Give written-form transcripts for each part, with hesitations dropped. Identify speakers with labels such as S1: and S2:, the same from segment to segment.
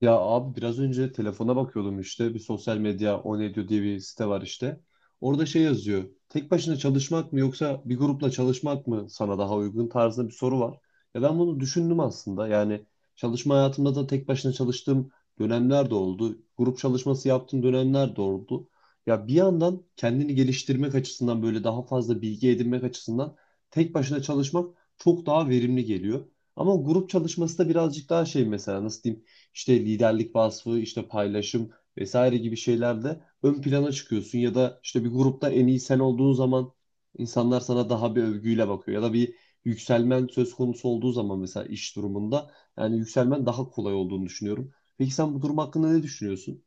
S1: Ya abi biraz önce telefona bakıyordum işte bir sosyal medya o ne diyor diye bir site var işte. Orada şey yazıyor. Tek başına çalışmak mı yoksa bir grupla çalışmak mı sana daha uygun tarzında bir soru var. Ya ben bunu düşündüm aslında. Yani çalışma hayatımda da tek başına çalıştığım dönemler de oldu. Grup çalışması yaptığım dönemler de oldu. Ya bir yandan kendini geliştirmek açısından böyle daha fazla bilgi edinmek açısından tek başına çalışmak çok daha verimli geliyor. Ama grup çalışması da birazcık daha şey, mesela nasıl diyeyim? İşte liderlik vasfı, işte paylaşım vesaire gibi şeylerde ön plana çıkıyorsun ya da işte bir grupta en iyi sen olduğun zaman insanlar sana daha bir övgüyle bakıyor ya da bir yükselmen söz konusu olduğu zaman, mesela iş durumunda, yani yükselmen daha kolay olduğunu düşünüyorum. Peki sen bu durum hakkında ne düşünüyorsun?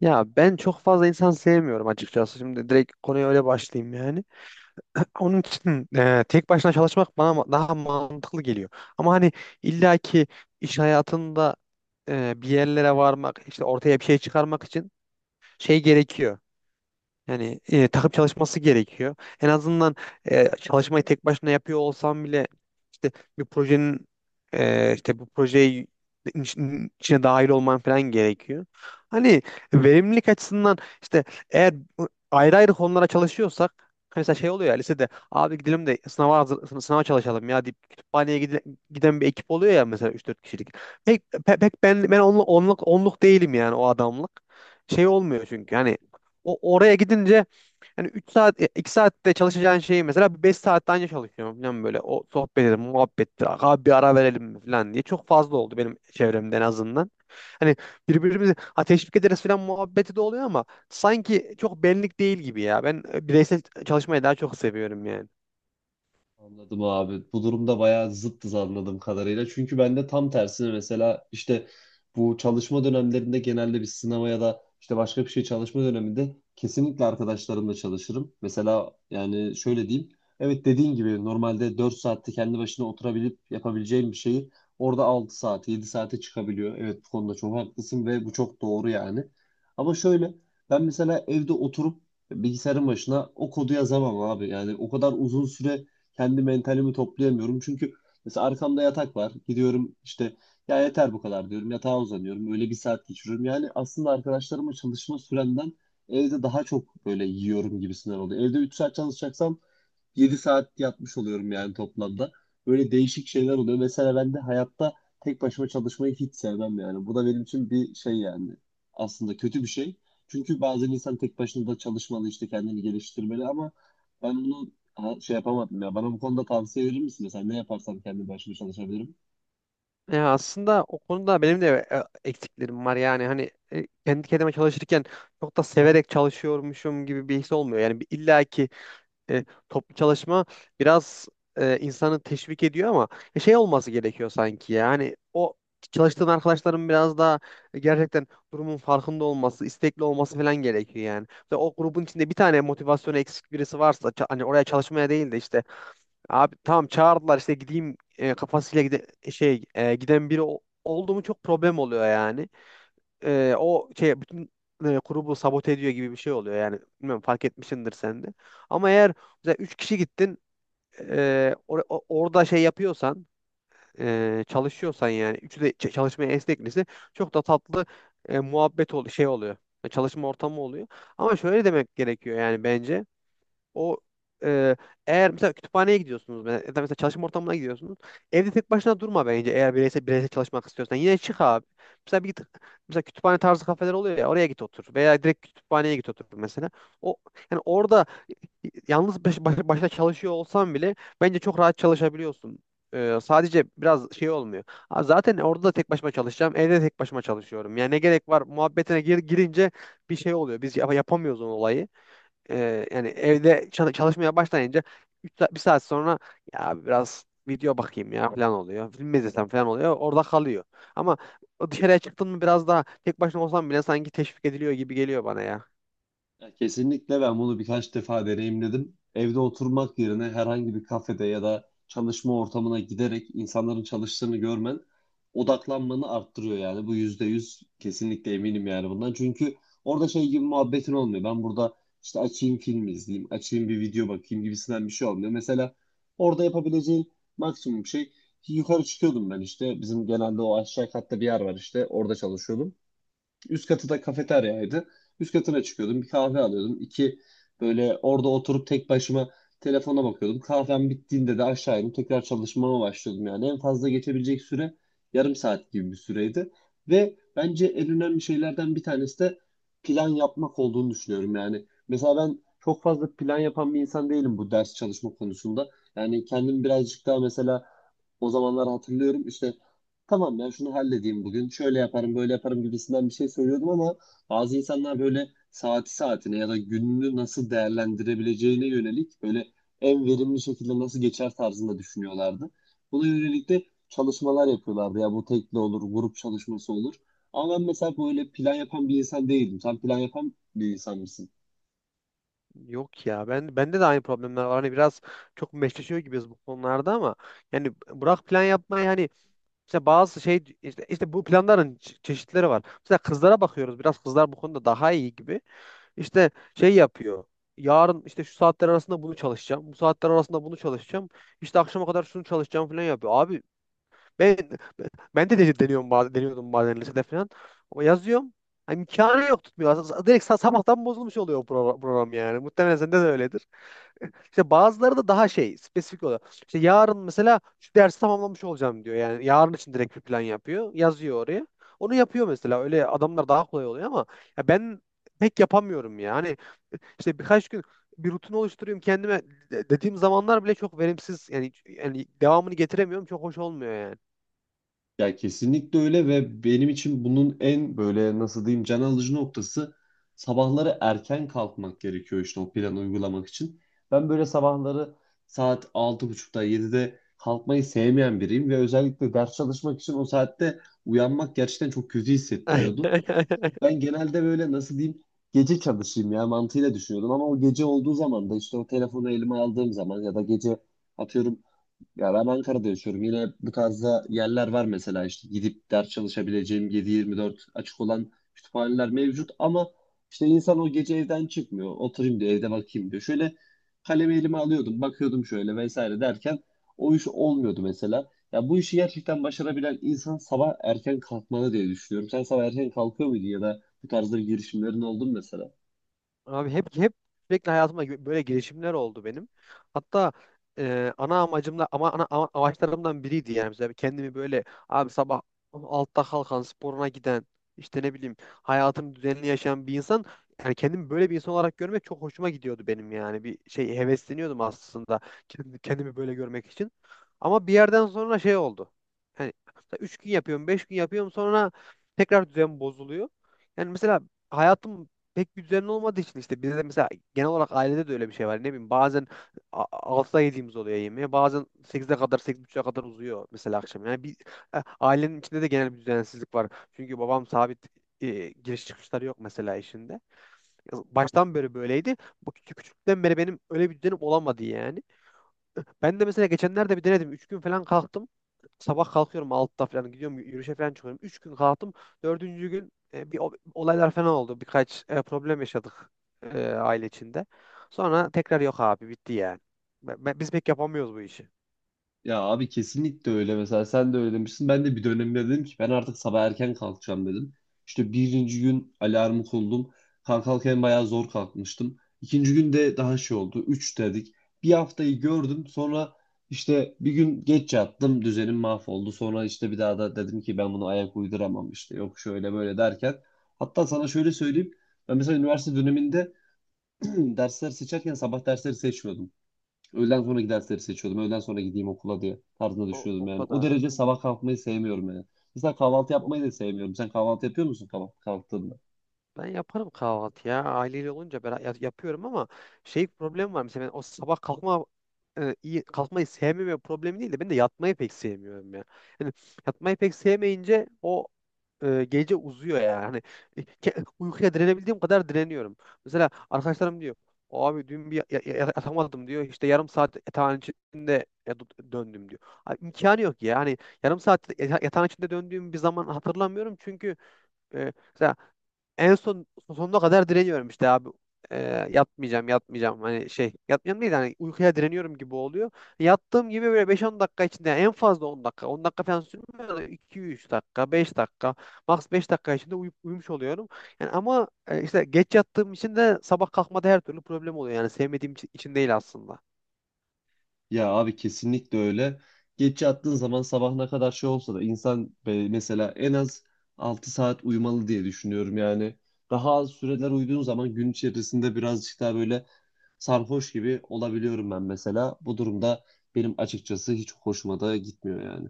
S2: Ya ben çok fazla insan sevmiyorum açıkçası. Şimdi direkt konuya öyle başlayayım yani. Onun için tek başına çalışmak bana daha mantıklı geliyor. Ama hani illaki iş hayatında bir yerlere varmak, işte ortaya bir şey çıkarmak için şey gerekiyor. Yani takım çalışması gerekiyor. En azından çalışmayı tek başına yapıyor olsam bile işte bir projenin işte bu projeyi içine dahil olman falan gerekiyor. Hani verimlilik açısından işte eğer ayrı ayrı konulara çalışıyorsak hani mesela şey oluyor ya lisede abi gidelim de sınava hazır, sınava çalışalım ya deyip kütüphaneye giden bir ekip oluyor ya mesela üç dört kişilik. Pek ben onluk değilim yani o adamlık. Şey olmuyor çünkü hani oraya gidince yani 3 saat 2 saatte çalışacağın şeyi mesela 5 saatte anca çalışıyorum falan böyle. O sohbet edelim, muhabbettir. Abi bir ara verelim mi falan diye çok fazla oldu benim çevremde en azından. Hani birbirimizi teşvik ederiz falan muhabbeti de oluyor ama sanki çok benlik değil gibi ya. Ben bireysel çalışmayı daha çok seviyorum yani.
S1: Anladım abi. Bu durumda bayağı zıttız anladığım kadarıyla. Çünkü ben de tam tersine, mesela işte bu çalışma dönemlerinde genelde bir sınava ya da işte başka bir şey çalışma döneminde kesinlikle arkadaşlarımla çalışırım. Mesela yani şöyle diyeyim. Evet, dediğin gibi normalde 4 saatte kendi başına oturabilip yapabileceğim bir şeyi orada 6 saat 7 saate çıkabiliyor. Evet, bu konuda çok haklısın ve bu çok doğru yani. Ama şöyle, ben mesela evde oturup bilgisayarın başına o kodu yazamam abi. Yani o kadar uzun süre kendi mentalimi toplayamıyorum. Çünkü mesela arkamda yatak var. Gidiyorum işte, ya yeter bu kadar diyorum. Yatağa uzanıyorum. Öyle bir saat geçiriyorum. Yani aslında arkadaşlarımla çalışma süremden evde daha çok böyle yiyorum gibisinden oluyor. Evde 3 saat çalışacaksam 7 saat yatmış oluyorum yani toplamda. Böyle değişik şeyler oluyor. Mesela ben de hayatta tek başıma çalışmayı hiç sevmem yani. Bu da benim için bir şey yani. Aslında kötü bir şey. Çünkü bazen insan tek başına da çalışmalı, işte kendini geliştirmeli, ama ben bunu şey yapamadım ya. Bana bu konuda tavsiye verir misin? Mesela ne yaparsam kendi başıma çalışabilirim?
S2: Ya aslında o konuda benim de eksiklerim var yani hani kendi kendime çalışırken çok da severek çalışıyormuşum gibi bir his olmuyor. Yani bir illaki toplu çalışma biraz insanı teşvik ediyor ama şey olması gerekiyor sanki yani o çalıştığın arkadaşların biraz daha gerçekten durumun farkında olması, istekli olması falan gerekiyor yani. Ve o grubun içinde bir tane motivasyonu eksik birisi varsa hani oraya çalışmaya değil de işte abi tamam çağırdılar işte gideyim kafasıyla gide şey giden biri oldu mu çok problem oluyor yani o şey bütün grubu sabote ediyor gibi bir şey oluyor. Yani bilmiyorum fark etmişsindir sen de. Ama eğer mesela 3 kişi gittin orada şey yapıyorsan çalışıyorsan yani üçü de çalışmaya esneklisi çok da tatlı muhabbet şey oluyor. Çalışma ortamı oluyor. Ama şöyle demek gerekiyor yani bence. O e, Eğer mesela kütüphaneye gidiyorsunuz ya da mesela çalışma ortamına gidiyorsunuz. Evde tek başına durma bence eğer bireysel bireysel çalışmak istiyorsan. Yine çık abi. Mesela mesela kütüphane tarzı kafeler oluyor ya oraya git otur veya direkt kütüphaneye git otur mesela. O Yani orada yalnız başına çalışıyor olsan bile bence çok rahat çalışabiliyorsun. Sadece biraz şey olmuyor. Ha, Zaten orada da tek başıma çalışacağım. Evde de tek başıma çalışıyorum. Yani ne gerek var muhabbetine girince bir şey oluyor. Biz yapamıyoruz o olayı yani evde çalışmaya başlayınca 3 saat, 1 saat sonra ya biraz video bakayım ya falan oluyor. Film mi izlesem falan oluyor. Orada kalıyor. Ama o dışarıya çıktın mı biraz daha tek başına olsam bile sanki teşvik ediliyor gibi geliyor bana ya.
S1: Ya kesinlikle, ben bunu birkaç defa deneyimledim. Evde oturmak yerine herhangi bir kafede ya da çalışma ortamına giderek insanların çalıştığını görmen odaklanmanı arttırıyor yani. Bu %100 kesinlikle eminim yani bundan. Çünkü orada şey gibi muhabbetin olmuyor. Ben burada işte açayım film izleyeyim, açayım bir video bakayım gibisinden bir şey olmuyor. Mesela orada yapabileceğin maksimum şey, yukarı çıkıyordum ben işte. Bizim genelde o aşağı katta bir yer var işte, orada çalışıyordum. Üst katı da kafeteryaydı. Üst katına çıkıyordum. Bir kahve alıyordum. İki böyle orada oturup tek başıma telefona bakıyordum. Kahvem bittiğinde de aşağı inip tekrar çalışmama başlıyordum yani. En fazla geçebilecek süre yarım saat gibi bir süreydi. Ve bence en önemli şeylerden bir tanesi de plan yapmak olduğunu düşünüyorum yani. Mesela ben çok fazla plan yapan bir insan değilim bu ders çalışma konusunda. Yani kendim birazcık daha, mesela o zamanlar hatırlıyorum işte, tamam ya şunu halledeyim bugün, şöyle yaparım böyle yaparım gibisinden bir şey söylüyordum ama bazı insanlar böyle saati saatine ya da gününü nasıl değerlendirebileceğine yönelik, böyle en verimli şekilde nasıl geçer tarzında düşünüyorlardı. Buna yönelik de çalışmalar yapıyorlardı ya, bu tekli olur grup çalışması olur. Ama ben mesela böyle plan yapan bir insan değildim. Sen plan yapan bir insan mısın?
S2: Yok ya ben bende de aynı problemler var. Hani biraz çok meşleşiyor gibiyiz bu konularda ama yani bırak plan yapmayı hani işte bazı şey işte bu planların çeşitleri var. Mesela kızlara bakıyoruz. Biraz kızlar bu konuda daha iyi gibi. İşte şey yapıyor. Yarın işte şu saatler arasında bunu çalışacağım. Bu saatler arasında bunu çalışacağım. İşte akşama kadar şunu çalışacağım falan yapıyor. Abi ben ben de deniyorum bazen, deniyordum bazen lisede falan. Ama yazıyorum. Hani imkanı yok tutmuyor. Direkt sabahtan bozulmuş oluyor o program yani. Muhtemelen sende de öyledir. İşte bazıları da daha şey spesifik oluyor. İşte yarın mesela şu dersi tamamlamış olacağım diyor. Yani yarın için direkt bir plan yapıyor. Yazıyor oraya. Onu yapıyor mesela. Öyle adamlar daha kolay oluyor ama ya ben pek yapamıyorum yani. İşte birkaç gün bir rutin oluşturuyorum kendime dediğim zamanlar bile çok verimsiz yani devamını getiremiyorum çok hoş olmuyor yani.
S1: Ya kesinlikle öyle, ve benim için bunun en böyle, nasıl diyeyim, can alıcı noktası sabahları erken kalkmak gerekiyor işte o planı uygulamak için. Ben böyle sabahları saat 6.30'da 7'de kalkmayı sevmeyen biriyim ve özellikle ders çalışmak için o saatte uyanmak gerçekten çok kötü hissettiriyordu. Ben genelde böyle, nasıl diyeyim, gece çalışayım ya mantığıyla düşünüyordum ama o gece olduğu zaman da işte o telefonu elime aldığım zaman ya da gece, atıyorum, ya ben Ankara'da yaşıyorum. Yine bu tarzda yerler var mesela, işte gidip ders çalışabileceğim 7/24 açık olan kütüphaneler
S2: Hı hı.
S1: mevcut ama işte insan o gece evden çıkmıyor. Oturayım diyor, evde bakayım diyor. Şöyle kalemi elime alıyordum, bakıyordum şöyle vesaire derken o iş olmuyordu mesela. Ya bu işi gerçekten başarabilen insan sabah erken kalkmalı diye düşünüyorum. Sen sabah erken kalkıyor muydun ya da bu tarzda bir girişimlerin oldu mu mesela?
S2: Abi hep sürekli hayatımda böyle girişimler oldu benim. Hatta ana amacımda ama amaçlarımdan biriydi yani mesela kendimi böyle abi sabah altta kalkan sporuna giden işte ne bileyim hayatını düzenli yaşayan bir insan yani kendimi böyle bir insan olarak görmek çok hoşuma gidiyordu benim yani bir şey hevesleniyordum aslında kendimi böyle görmek için. Ama bir yerden sonra şey oldu. Yani 3 gün yapıyorum, 5 gün yapıyorum sonra tekrar düzen bozuluyor. Yani mesela hayatım pek bir düzenli olmadığı için işte bizde de mesela genel olarak ailede de öyle bir şey var. Ne bileyim bazen a- 6'da yediğimiz oluyor yemeği. Bazen 8'e kadar 8:30'a kadar uzuyor mesela akşam. Yani bir ailenin içinde de genel bir düzensizlik var. Çünkü babam sabit giriş çıkışları yok mesela işinde. Baştan beri böyleydi. Bu küçüklükten beri benim öyle bir düzenim olamadı yani. Ben de mesela geçenlerde bir denedim. Üç gün falan kalktım. Sabah kalkıyorum 6'da falan gidiyorum yürüyüşe falan çıkıyorum. Üç gün kalktım. Dördüncü gün bir olaylar falan oldu. Birkaç problem yaşadık aile içinde. Sonra tekrar yok abi bitti yani. Biz pek yapamıyoruz bu işi.
S1: Ya abi kesinlikle öyle. Mesela sen de öyle demiştin. Ben de bir dönemde dedim ki ben artık sabah erken kalkacağım dedim. İşte birinci gün alarmı kurdum. Kalken bayağı zor kalkmıştım. İkinci gün de daha şey oldu. Üç dedik. Bir haftayı gördüm. Sonra işte bir gün geç yattım. Düzenim mahvoldu. Sonra işte bir daha da dedim ki ben bunu ayak uyduramam işte. Yok şöyle böyle derken. Hatta sana şöyle söyleyeyim. Ben mesela üniversite döneminde dersler seçerken sabah dersleri seçmiyordum. Öğleden sonraki dersleri seçiyordum. Öğleden sonra gideyim okula diye tarzına düşüyordum
S2: O
S1: yani. O
S2: kadar.
S1: derece sabah kalkmayı sevmiyorum yani. Mesela kahvaltı
S2: Yok
S1: yapmayı da sevmiyorum. Sen kahvaltı yapıyor musun kahvaltı kalktığında?
S2: ben yaparım kahvaltı ya. Aileyle olunca ben yapıyorum ama şey problem var. Mesela ben o sabah kalkma iyi kalkmayı sevmeme problemi değil de ben de yatmayı pek sevmiyorum ya. Yani yatmayı pek sevmeyince o gece uzuyor yani. Hani uykuya direnebildiğim kadar direniyorum. Mesela arkadaşlarım diyor abi dün bir yatamadım diyor. İşte yarım saat yatağın içinde döndüm diyor. Abi, imkanı yok ya. Hani yarım saat yatağın içinde döndüğüm bir zaman hatırlamıyorum. Çünkü mesela en son sonuna kadar direniyorum işte abi. E, Yatmayacağım yatmayacağım hani şey yatmayacağım değil hani uykuya direniyorum gibi oluyor. Yattığım gibi böyle beş on dakika içinde yani en fazla 10 dakika on dakika falan sürmüyor da iki üç dakika 5 dakika max 5 dakika içinde uyumuş oluyorum. Yani ama işte geç yattığım için de sabah kalkmada her türlü problem oluyor yani sevmediğim için değil aslında.
S1: Ya abi kesinlikle öyle. Geç yattığın zaman sabah ne kadar şey olsa da insan, mesela en az 6 saat uyumalı diye düşünüyorum yani. Daha az süreler uyuduğun zaman gün içerisinde birazcık daha böyle sarhoş gibi olabiliyorum ben mesela. Bu durumda benim açıkçası hiç hoşuma da gitmiyor yani.